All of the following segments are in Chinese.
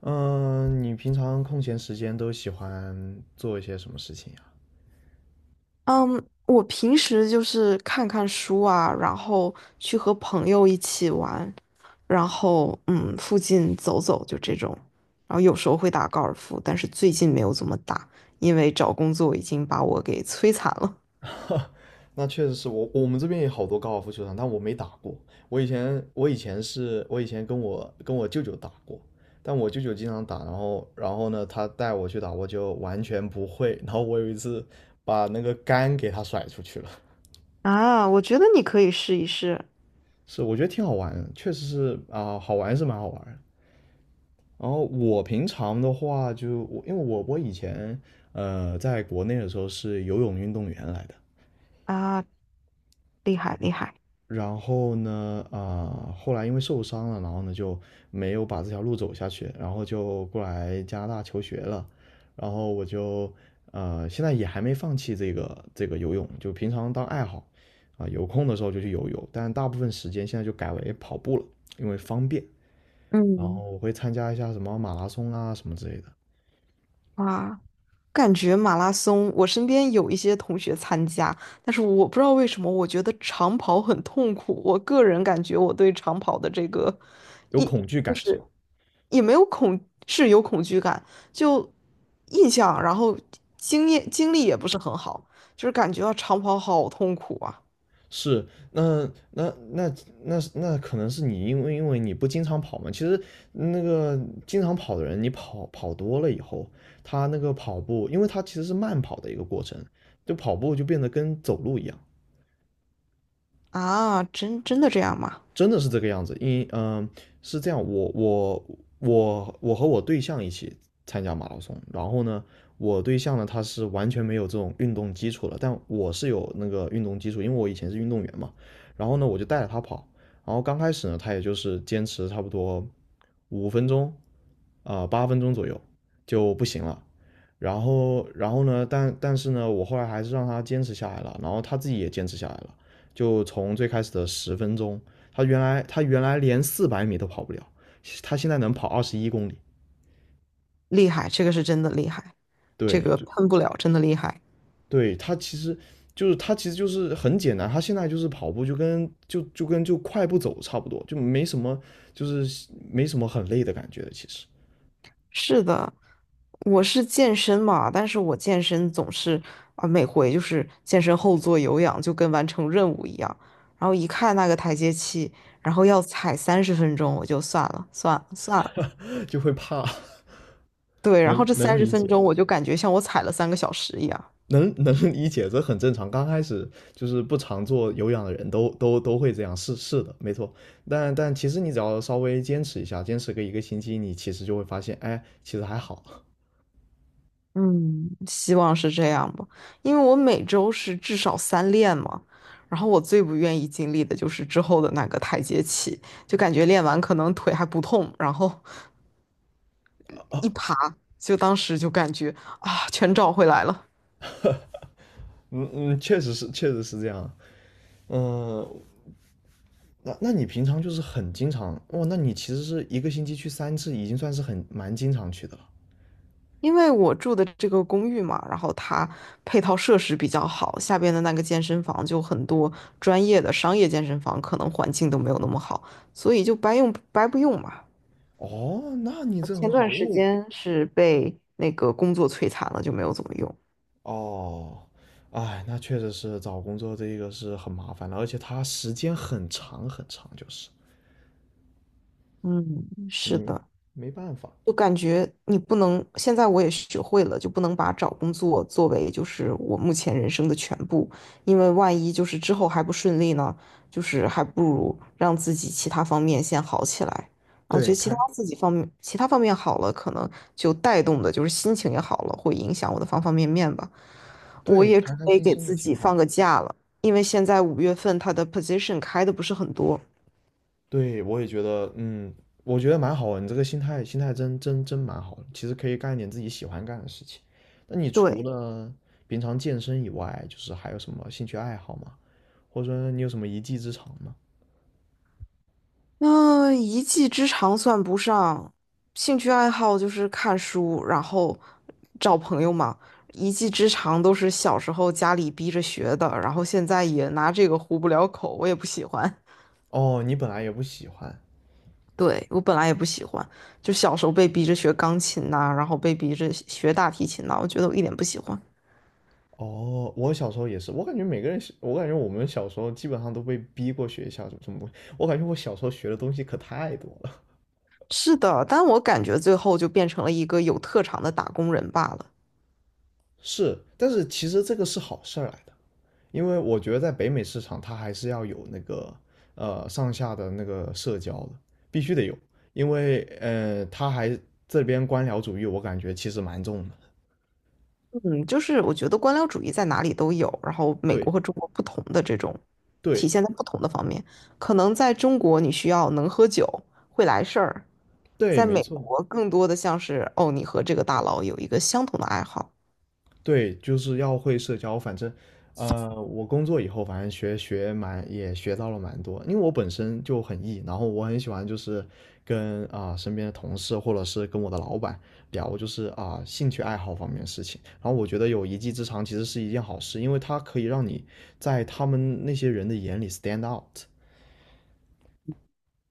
嗯，你平常空闲时间都喜欢做一些什么事情呀？嗯，我平时就是看看书啊，然后去和朋友一起玩，然后附近走走就这种，然后有时候会打高尔夫，但是最近没有怎么打，因为找工作已经把我给摧残了。那确实是我们这边也好多高尔夫球场，但我没打过。我以前跟我舅舅打过，但我舅舅经常打，然后呢，他带我去打，我就完全不会。然后我有一次把那个杆给他甩出去了。啊，我觉得你可以试一试是，我觉得挺好玩的，确实是啊，好玩是蛮好玩的。然后我平常的话就，我因为我以前在国内的时候是游泳运动员来的。啊，然后呢，后来因为受伤了，然后呢就没有把这条路走下去，然后就过来加拿大求学了。然后我就现在也还没放弃这个游泳，就平常当爱好，有空的时候就去游泳，但大部分时间现在就改为跑步了，因为方便。然嗯。后我会参加一下什么马拉松啊什么之类的。哇。感觉马拉松，我身边有一些同学参加，但是我不知道为什么，我觉得长跑很痛苦。我个人感觉我对长跑的这个有一恐惧就感是吧？是也没有恐，是有恐惧感，就印象，然后经验经历也不是很好，就是感觉到长跑好痛苦啊是，那那那那可能是你因为你不经常跑嘛。其实那个经常跑的人，你跑多了以后，他那个跑步，因为他其实是慢跑的一个过程，就跑步就变得跟走路一样。啊！真的这样吗？真的是这个样子，是这样，我和我对象一起参加马拉松。然后呢，我对象呢他是完全没有这种运动基础的，但我是有那个运动基础，因为我以前是运动员嘛。然后呢我就带着他跑，然后刚开始呢他也就是坚持差不多5分钟，啊，8、分钟左右就不行了。然后呢，但是呢，我后来还是让他坚持下来了，然后他自己也坚持下来了。就从最开始的10分钟，他原来连400米都跑不了，他现在能跑21公里。厉害，这个是真的厉害，这对，个喷不了，真的厉害。对他其实他其实就是很简单，他现在就是跑步就跟快步走差不多，就是没什么很累的感觉的其实。 是的，我是健身嘛，但是我健身总是啊，每回就是健身后做有氧，就跟完成任务一样。然后一看那个台阶器，然后要踩三十分钟，我就算了，算了，算了。就会怕。对，然后能这三能十理分解。钟我就感觉像我踩了3个小时一样。能 能理解，这很正常。刚开始就是不常做有氧的人都会这样，是是的，没错。但其实你只要稍微坚持一下，坚持个一个星期，你其实就会发现，哎，其实还好。嗯，希望是这样吧，因为我每周是至少三练嘛。然后我最不愿意经历的就是之后的那个台阶器，就感觉练完可能腿还不痛，然后哦，一爬，就当时就感觉啊，全找回来了。嗯嗯，确实是，确实是这样。嗯，那你平常就是很经常，哇哦，那你其实是一个星期去3次，已经算是很蛮经常去的了。因为我住的这个公寓嘛，然后它配套设施比较好，下边的那个健身房就很多专业的商业健身房，可能环境都没有那么好，所以就白用白不用嘛。哦，那你这前很段好，因为时我。间是被那个工作摧残了，就没有怎么用。哦，哎，那确实是找工作这个是很麻烦的，而且它时间很长很长，就是嗯，是没的。没办法。就感觉你不能，现在我也学会了，就不能把找工作作为就是我目前人生的全部，因为万一就是之后还不顺利呢，就是还不如让自己其他方面先好起来。然后觉对，得其他自己方面，其他方面好了，可能就带动的就是心情也好了，会影响我的方方面面吧。我对，也准开开备心给心的自挺己放好。个假了，因为现在5月份他的 position 开的不是很多。对，我也觉得，嗯，我觉得蛮好的，你这个心态真蛮好的。其实可以干一点自己喜欢干的事情。那你除对，了平常健身以外，就是还有什么兴趣爱好吗？或者说你有什么一技之长吗？那一技之长算不上，兴趣爱好就是看书，然后找朋友嘛。一技之长都是小时候家里逼着学的，然后现在也拿这个糊不了口，我也不喜欢。哦，你本来也不喜欢。对，我本来也不喜欢，就小时候被逼着学钢琴呐、然后被逼着学大提琴呐、我觉得我一点不喜欢。哦，我小时候也是，我感觉我们小时候基本上都被逼过学校什么什么东西。我感觉我小时候学的东西可太多了。是的，但我感觉最后就变成了一个有特长的打工人罢了。是，但是其实这个是好事儿来的，因为我觉得在北美市场，它还是要有那个上下的那个社交的，必须得有，因为这边官僚主义，我感觉其实蛮重的。嗯，就是我觉得官僚主义在哪里都有，然后美国对和中国不同的这种体对现在不同的方面。可能在中国你需要能喝酒，会来事儿，对，在没美错。国更多的像是哦，你和这个大佬有一个相同的爱好。对，就是要会社交。反正，我工作以后，反正蛮也学到了蛮多。因为我本身就很 E，然后我很喜欢就是跟身边的同事或者是跟我的老板聊，就是兴趣爱好方面的事情。然后我觉得有一技之长其实是一件好事，因为它可以让你在他们那些人的眼里 stand out。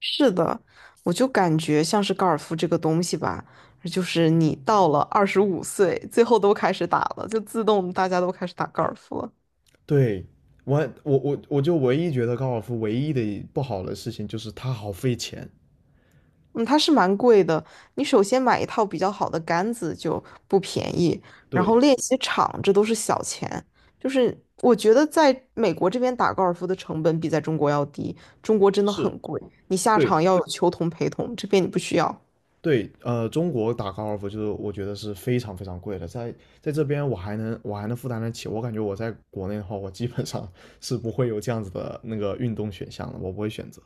是的，我就感觉像是高尔夫这个东西吧，就是你到了25岁，最后都开始打了，就自动大家都开始打高尔夫了。对，我我就唯一觉得高尔夫唯一的不好的事情就是它好费钱。嗯，它是蛮贵的。你首先买一套比较好的杆子就不便宜，然对，后练习场这都是小钱。就是我觉得在美国这边打高尔夫的成本比在中国要低，中国真的是，很贵，你下对，场要有球童陪同，这边你不需要。对，中国打高尔夫就是我觉得是非常非常贵的，在这边我还能负担得起，我感觉我在国内的话，我基本上 是不会有这样子的那个运动选项的，我不会选择。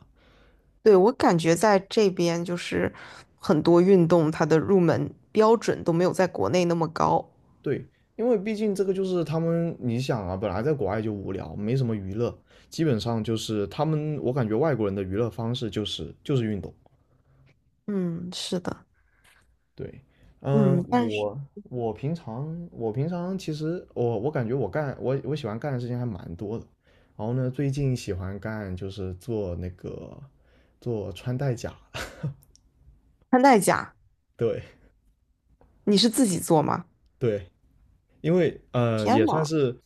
对，我感觉在这边就是很多运动它的入门标准都没有在国内那么高。对，因为毕竟这个就是他们，你想啊，本来在国外就无聊，没什么娱乐，基本上就是他们，我感觉外国人的娱乐方式就是运动。嗯，是的，对，嗯，嗯，但是我平常其实我感觉我喜欢干的事情还蛮多的。然后呢，最近喜欢干就是做那个做穿戴甲。穿戴甲对你是自己做吗？对，因为呃天也算呐，是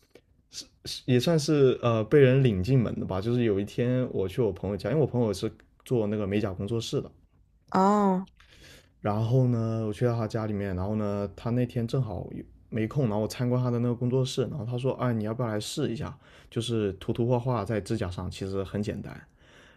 是是也算是呃被人领进门的吧，就是有一天我去我朋友家，因为我朋友是做那个美甲工作室的，哦。然后呢，我去到他家里面，然后呢，他那天正好没空，然后我参观他的那个工作室，然后他说，哎，你要不要来试一下？就是涂涂画画在指甲上，其实很简单。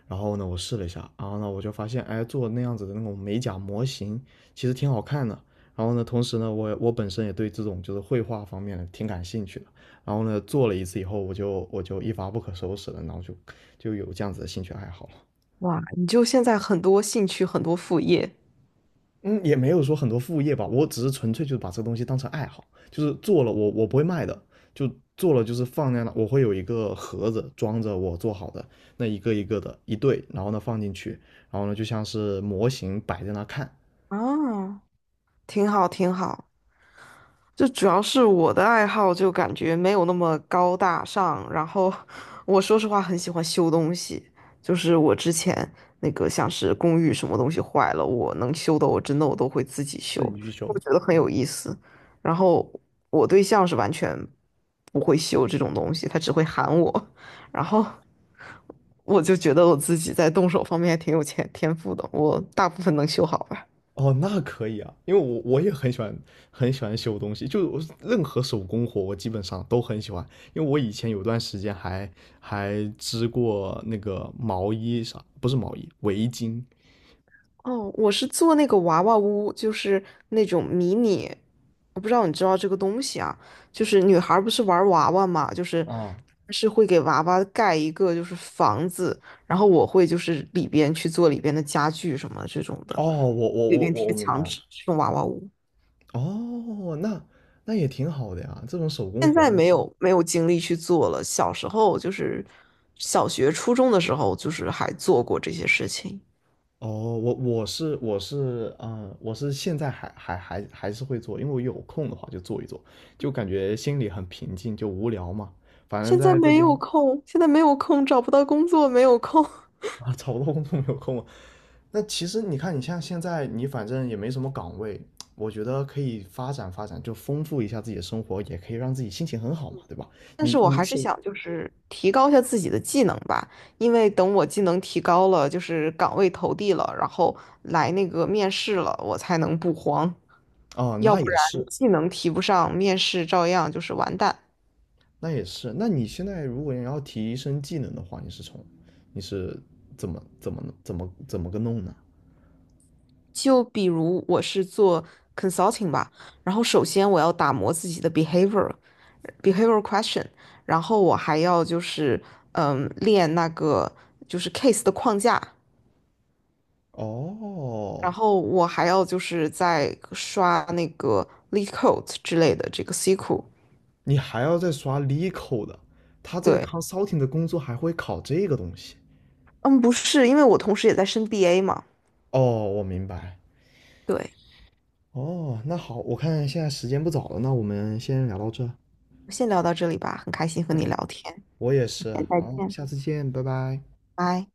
然后呢，我试了一下，然后呢，我就发现，哎，做那样子的那种美甲模型，其实挺好看的。然后呢，同时呢，我本身也对这种就是绘画方面的挺感兴趣的。然后呢，做了一次以后，我就一发不可收拾了，然后就有这样子的兴趣爱好了。哇，你就现在很多兴趣，很多副业嗯，也没有说很多副业吧，我只是纯粹就是把这个东西当成爱好，就是做了我不会卖的，就做了就是放在那，我会有一个盒子装着我做好的那一个一个的一对，然后呢放进去，然后呢就像是模型摆在那看。啊，挺好，挺好。就主要是我的爱好就感觉没有那么高大上，然后我说实话很喜欢修东西，就是我之前那个像是公寓什么东西坏了，我能修的我真的我都会自己修，自己去我修。觉得很有意思。然后我对象是完全不会修这种东西，他只会喊我，然后我就觉得我自己在动手方面还挺有天赋的，我大部分能修好吧。哦，那可以啊，因为我也很喜欢，很喜欢修东西，就我任何手工活我基本上都很喜欢，因为我以前有段时间还织过那个毛衣啥，不是毛衣，围巾。哦，我是做那个娃娃屋，就是那种迷你，我不知道你知道这个东西啊，就是女孩儿不是玩娃娃嘛，就是啊，是会给娃娃盖一个就是房子，然后我会就是里边去做里边的家具什么这种哦，的，我我里我边我我贴明白墙了。纸这种娃娃屋，哦，那也挺好的呀，这种手工现活在呢。没有没有精力去做了，小时候就是小学初中的时候就是还做过这些事情，哦，我是现在还还还还是会做，因为我有空的话就做一做，就感觉心里很平静，就无聊嘛。反正现在在这没有边。空，现在没有空，找不到工作，没有空。啊，找不到工作没有空嘛。那其实你看，你像现在你反正也没什么岗位，我觉得可以发展发展，就丰富一下自己的生活，也可以让自己心情很好嘛，对吧？但是你我你还是手想就是提高一下自己的技能吧，因为等我技能提高了，就是岗位投递了，然后来那个面试了，我才能不慌，啊，要那不也然是，技能提不上，面试照样就是完蛋。那也是。那你现在如果你要提升技能的话，你是怎么个弄呢？就比如我是做 consulting 吧，然后首先我要打磨自己的 behavior question，然后我还要就是练那个就是 case 的框架，然哦，后我还要就是在刷那个 LeetCode 之类的这个 C q L 你还要再刷 LeCo 的，他这个 对，consulting 的工作还会考这个东西。嗯，不是，因为我同时也在升 BA 嘛。哦，我明白。对，哦，那好，我看现在时间不早了，那我们先聊到这。先聊到这里吧，很开心和你对，聊天，我也是。再好，见，下次见，拜拜。拜。